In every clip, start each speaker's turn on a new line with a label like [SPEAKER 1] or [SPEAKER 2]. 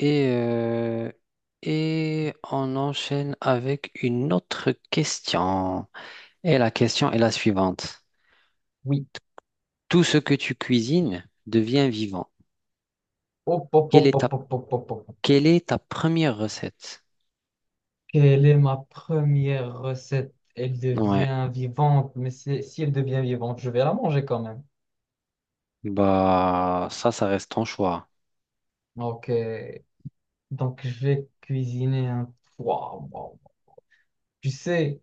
[SPEAKER 1] Et, euh, et on enchaîne avec une autre question. Et la question est la suivante.
[SPEAKER 2] Oui.
[SPEAKER 1] Tout ce que tu cuisines devient vivant.
[SPEAKER 2] Hop, hop,
[SPEAKER 1] Quelle
[SPEAKER 2] hop,
[SPEAKER 1] est
[SPEAKER 2] hop,
[SPEAKER 1] ta,
[SPEAKER 2] hop, hop, hop, hop.
[SPEAKER 1] quelle est ta première recette?
[SPEAKER 2] Quelle est ma première recette? Elle
[SPEAKER 1] Ouais,
[SPEAKER 2] devient vivante, mais si elle devient vivante, je vais la manger quand même.
[SPEAKER 1] bah ça reste ton choix.
[SPEAKER 2] Ok. Donc, je vais cuisiner un... Waouh, waouh. Tu sais,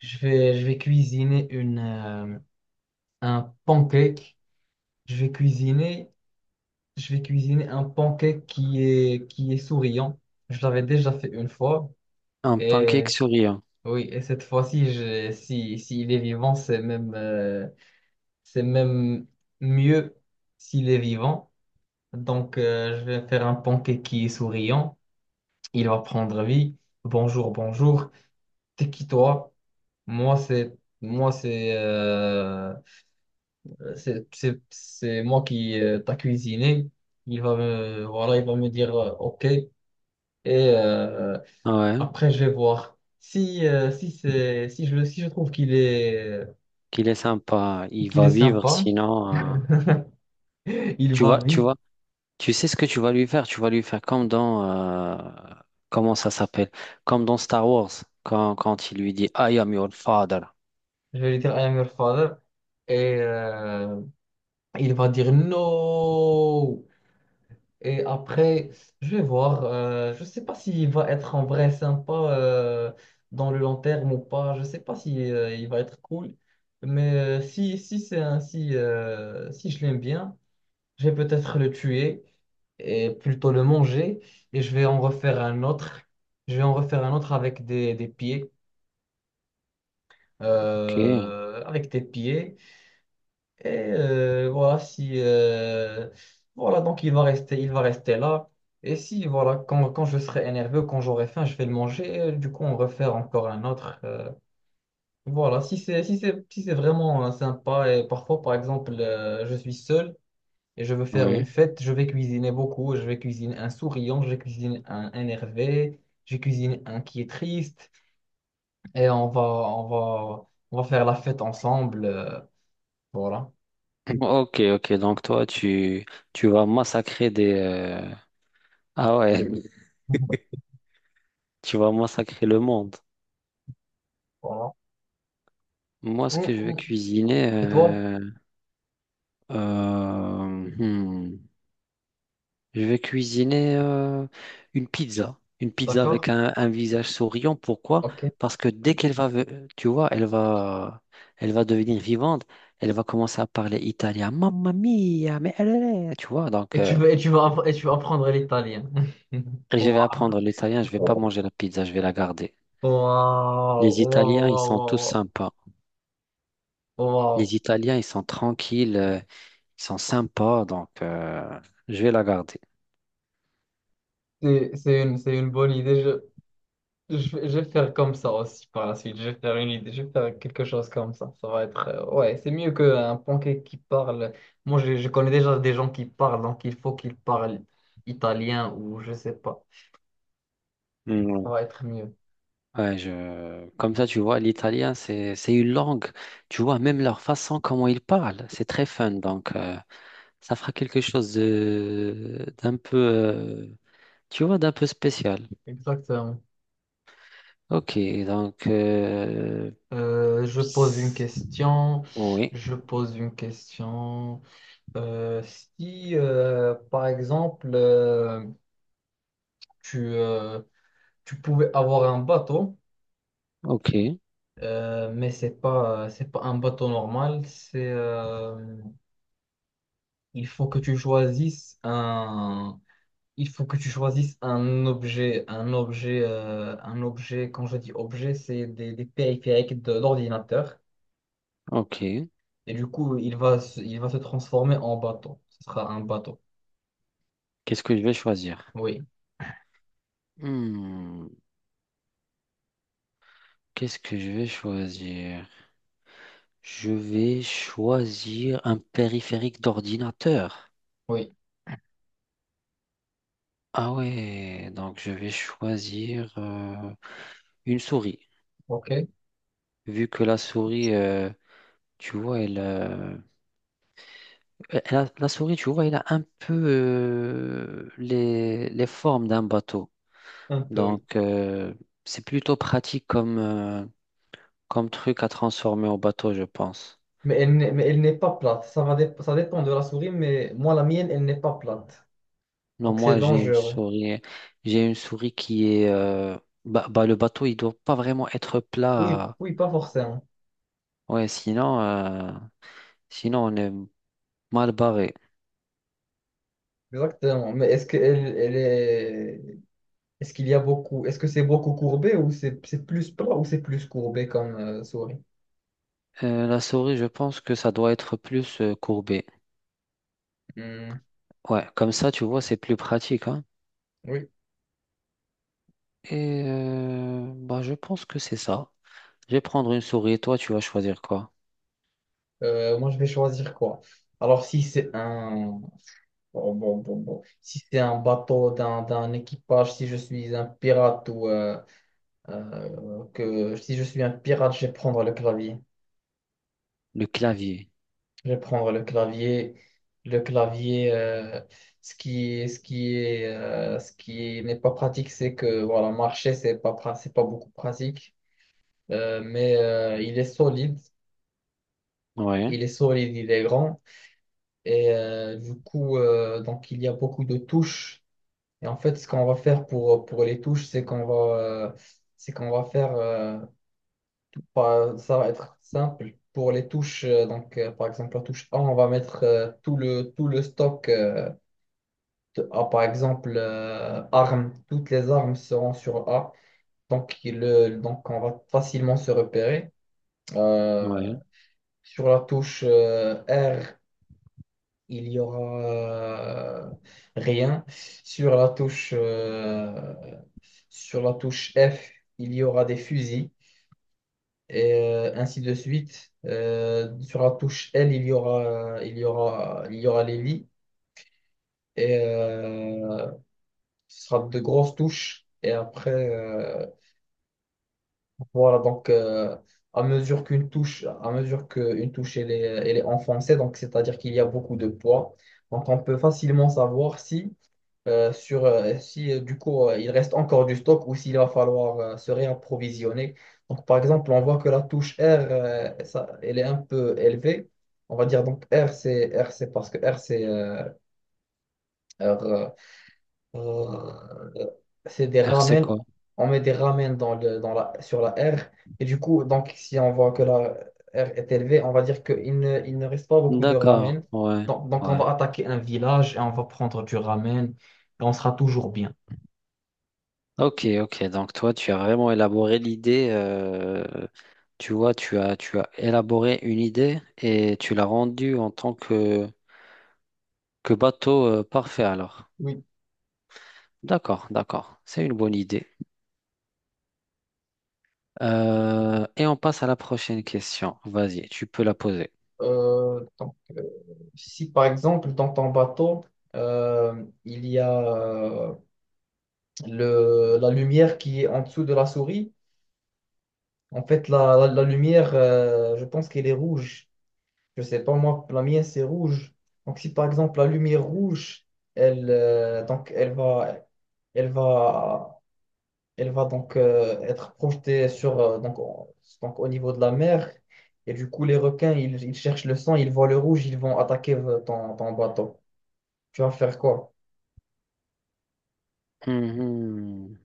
[SPEAKER 2] je vais cuisiner un pancake. Je vais cuisiner, je vais cuisiner un pancake qui est souriant. Je l'avais déjà fait une fois.
[SPEAKER 1] Un pancake
[SPEAKER 2] Et
[SPEAKER 1] souriant.
[SPEAKER 2] oui, et cette fois-ci, si, s'il est vivant, c'est même mieux s'il est vivant. Donc, je vais faire un pancake qui est souriant. Il va prendre vie. Bonjour, bonjour. T'es qui toi? Moi, c'est moi, c'est moi qui t'a cuisiné. Il va me voilà, il va me dire OK. Et euh,
[SPEAKER 1] Ouais.
[SPEAKER 2] après, je vais voir si si c'est si si je trouve
[SPEAKER 1] Qu'il est sympa, il
[SPEAKER 2] qu'il est
[SPEAKER 1] va vivre,
[SPEAKER 2] sympa.
[SPEAKER 1] sinon,
[SPEAKER 2] Il
[SPEAKER 1] tu vois,
[SPEAKER 2] va
[SPEAKER 1] tu
[SPEAKER 2] vite.
[SPEAKER 1] vois, tu sais ce que tu vas lui faire, tu vas lui faire comme dans, comment ça s'appelle, comme dans Star Wars, quand il lui dit, I am your father.
[SPEAKER 2] Je vais lui dire I am your father. Et il va dire no. Et après, je vais voir. Je ne sais pas s'il va être en vrai sympa dans le long terme ou pas. Je ne sais pas si il va être cool. Mais si c'est ainsi, si je l'aime bien, je vais peut-être le tuer et plutôt le manger. Et je vais en refaire un autre. Je vais en refaire un autre avec des pieds.
[SPEAKER 1] Ok.
[SPEAKER 2] Avec des pieds. Et voilà, si voilà, donc il va rester là. Et si voilà, quand je serai énervé, quand j'aurai faim, je vais le manger. Et du coup, on refaire encore un autre. Voilà, si c'est vraiment sympa et parfois, par exemple, je suis seul et je veux faire une
[SPEAKER 1] Oui.
[SPEAKER 2] fête, je vais cuisiner beaucoup. Je vais cuisiner un souriant, je cuisine un énervé, je cuisine un qui est triste. Et on va faire la fête ensemble. Voilà.
[SPEAKER 1] Ok, ok, donc toi, tu vas massacrer des, ah ouais, tu vas massacrer le monde.
[SPEAKER 2] Voilà.
[SPEAKER 1] Moi, ce
[SPEAKER 2] Mm,
[SPEAKER 1] que je vais
[SPEAKER 2] mm,
[SPEAKER 1] cuisiner,
[SPEAKER 2] et toi?
[SPEAKER 1] euh, hmm, je vais cuisiner une pizza avec
[SPEAKER 2] D'accord?
[SPEAKER 1] un visage souriant. Pourquoi?
[SPEAKER 2] Ok.
[SPEAKER 1] Parce que dès qu'elle va, ve- tu vois, elle va devenir vivante. Elle va commencer à parler italien. Mamma mia, mais elle est, tu vois.
[SPEAKER 2] Et tu veux apprendre l'italien.
[SPEAKER 1] Et je
[SPEAKER 2] Wow.
[SPEAKER 1] vais apprendre l'italien. Je vais pas manger la pizza. Je vais la garder.
[SPEAKER 2] Waouh,
[SPEAKER 1] Les
[SPEAKER 2] waouh,
[SPEAKER 1] Italiens, ils
[SPEAKER 2] waouh,
[SPEAKER 1] sont tous
[SPEAKER 2] waouh,
[SPEAKER 1] sympas.
[SPEAKER 2] waouh.
[SPEAKER 1] Les Italiens, ils sont tranquilles. Ils sont sympas. Donc, je vais la garder.
[SPEAKER 2] C'est une bonne idée. Je vais faire comme ça aussi par la suite. Je vais faire une idée, je vais faire quelque chose comme ça. Ça va être, ouais, c'est mieux qu'un pancake qui parle. Moi, je connais déjà des gens qui parlent, donc il faut qu'ils parlent italien ou je sais pas. Ça va être mieux.
[SPEAKER 1] Ouais, je... Comme ça, tu vois, l'italien, c'est une langue. Tu vois, même leur façon, comment ils parlent, c'est très fun. Donc, ça fera quelque chose de... d'un peu, tu vois, d'un peu spécial.
[SPEAKER 2] Exactement.
[SPEAKER 1] Ok, donc,
[SPEAKER 2] Je pose une
[SPEAKER 1] s-
[SPEAKER 2] question.
[SPEAKER 1] oui.
[SPEAKER 2] Je pose une question. Euh, si, par exemple, tu, euh, tu pouvais avoir un bateau,
[SPEAKER 1] Ok,
[SPEAKER 2] mais c'est pas un bateau normal. C'est, il faut que tu choisisses un, il faut que tu choisisses un objet, un objet. Quand je dis objet, c'est des périphériques de l'ordinateur.
[SPEAKER 1] ok.
[SPEAKER 2] Et du coup, il va se transformer en bateau. Ce sera un bateau.
[SPEAKER 1] Qu'est-ce que je vais choisir?
[SPEAKER 2] Oui,
[SPEAKER 1] Hmm, qu'est-ce que je vais choisir? Je vais choisir un périphérique d'ordinateur.
[SPEAKER 2] oui.
[SPEAKER 1] Ah ouais, donc je vais choisir une souris.
[SPEAKER 2] OK.
[SPEAKER 1] Vu que la souris, tu vois, elle, euh, la souris, tu vois, elle a un peu les formes d'un bateau.
[SPEAKER 2] Un peu, oui.
[SPEAKER 1] Donc c'est plutôt pratique comme, comme truc à transformer au bateau, je pense.
[SPEAKER 2] Mais elle n'est pas plate. Ça dépend de la souris, mais moi, la mienne, elle n'est pas plate.
[SPEAKER 1] Non,
[SPEAKER 2] Donc, c'est
[SPEAKER 1] moi
[SPEAKER 2] dangereux.
[SPEAKER 1] j'ai une souris qui est, bah, le bateau, il doit pas vraiment être
[SPEAKER 2] Oui,
[SPEAKER 1] plat.
[SPEAKER 2] oui, pas forcément.
[SPEAKER 1] Ouais, sinon, sinon on est mal barré.
[SPEAKER 2] Exactement. Est-ce qu'il y a beaucoup... Est-ce que c'est beaucoup courbé ou c'est plus plat ou c'est plus courbé comme souris?
[SPEAKER 1] La souris, je pense que ça doit être plus courbé.
[SPEAKER 2] Hmm,
[SPEAKER 1] Ouais, comme ça, tu vois, c'est plus pratique, hein.
[SPEAKER 2] oui.
[SPEAKER 1] Et bah, je pense que c'est ça. Je vais prendre une souris et toi, tu vas choisir quoi?
[SPEAKER 2] Moi, je vais choisir quoi? Alors, si c'est un... bon, bon, bon, bon. Si c'est un bateau d'un équipage, si je suis un pirate ou que si je suis un pirate, je vais prendre le clavier.
[SPEAKER 1] Le clavier.
[SPEAKER 2] Je vais prendre le clavier. Le clavier, ce qui est, ce qui n'est pas pratique, c'est que voilà, marcher, c'est pas beaucoup pratique. Il est solide.
[SPEAKER 1] Ouais,
[SPEAKER 2] Il est solide, il est grand. Et du coup, donc il y a beaucoup de touches. Et en fait, ce qu'on va faire pour les touches, c'est qu'on va faire, ça va être simple. Pour les touches, donc, par exemple, la touche A, on va mettre tout le stock de A, par exemple, armes. Toutes les armes seront sur A. Donc on va facilement se repérer. Euh,
[SPEAKER 1] ouais.
[SPEAKER 2] sur la touche R, il y aura rien. Sur la touche, euh, Sur la touche F, il y aura des fusils et ainsi de suite. Sur la touche L, il y aura les lits et ce sera de grosses touches. Et après, voilà, à mesure qu'une touche elle est enfoncée, donc c'est-à-dire qu'il y a beaucoup de poids. Donc on peut facilement savoir si sur si du coup il reste encore du stock ou s'il va falloir se réapprovisionner. Donc par exemple, on voit que la touche R, elle est un peu élevée. On va dire donc R, c'est parce que R, R, euh, c'est des
[SPEAKER 1] R, c'est
[SPEAKER 2] ramen.
[SPEAKER 1] quoi?
[SPEAKER 2] On met des ramen dans le, dans la, sur la R. Et du coup, donc si on voit que la R est élevée, on va dire qu'il ne reste pas beaucoup de
[SPEAKER 1] D'accord,
[SPEAKER 2] ramen.
[SPEAKER 1] ouais,
[SPEAKER 2] Donc on
[SPEAKER 1] ouais.
[SPEAKER 2] va attaquer un village et on va prendre du ramen et on sera toujours bien.
[SPEAKER 1] Ok, ok. Donc toi, tu as vraiment élaboré l'idée. Tu vois, tu as élaboré une idée et tu l'as rendue en tant que bateau parfait alors.
[SPEAKER 2] Oui.
[SPEAKER 1] D'accord, d'accord. C'est une bonne idée. Et on passe à la prochaine question. Vas-y, tu peux la poser.
[SPEAKER 2] Donc, si par exemple dans ton bateau, il y a euh, la lumière qui est en dessous de la souris, en fait la lumière, je pense qu'elle est rouge. Je sais pas moi, la mienne c'est rouge. Donc si par exemple la lumière rouge, elle, euh, donc, elle va, elle va, elle va donc être projetée sur, au niveau de la mer. Et du coup, les requins, ils cherchent le sang, ils voient le rouge, ils vont attaquer ton bateau. Tu vas faire quoi?
[SPEAKER 1] Mhm.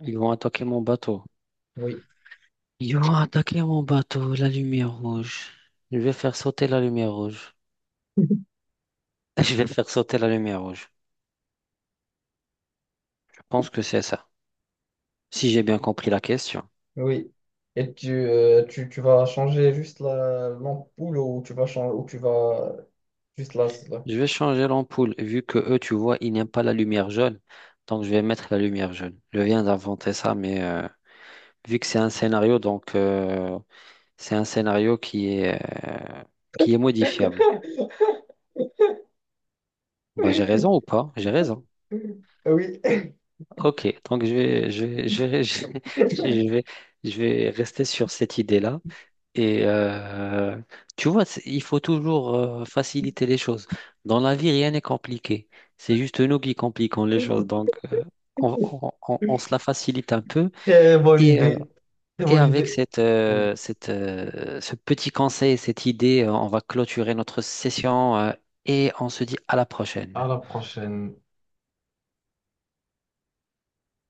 [SPEAKER 1] Ils vont attaquer mon bateau.
[SPEAKER 2] Oui,
[SPEAKER 1] Ils vont attaquer mon bateau, la lumière rouge. Je vais faire sauter la lumière rouge. Je vais faire sauter la lumière rouge. Je pense que c'est ça. Si j'ai bien compris la question.
[SPEAKER 2] oui. Et tu vas changer juste la l'ampoule ou tu vas changer ou tu vas juste là.
[SPEAKER 1] Je vais changer l'ampoule, vu que eux, tu vois, ils n'aiment pas la lumière jaune. Donc, je vais mettre la lumière jaune. Je viens d'inventer ça, mais vu que c'est un scénario, donc c'est un scénario qui est modifiable. Bah, j'ai raison ou pas? J'ai raison.
[SPEAKER 2] Oui,
[SPEAKER 1] Ok, donc je vais rester sur cette idée-là. Et tu vois, c'est- il faut toujours faciliter les choses. Dans la vie, rien n'est compliqué. C'est juste nous qui compliquons les choses. Donc, on se la facilite un peu.
[SPEAKER 2] très bonne
[SPEAKER 1] Et, euh,
[SPEAKER 2] idée. Très
[SPEAKER 1] et
[SPEAKER 2] bonne
[SPEAKER 1] avec
[SPEAKER 2] idée.
[SPEAKER 1] cette,
[SPEAKER 2] Oui,
[SPEAKER 1] cette, ce petit conseil, cette idée, on va clôturer notre session et on se dit à la
[SPEAKER 2] à
[SPEAKER 1] prochaine.
[SPEAKER 2] la prochaine.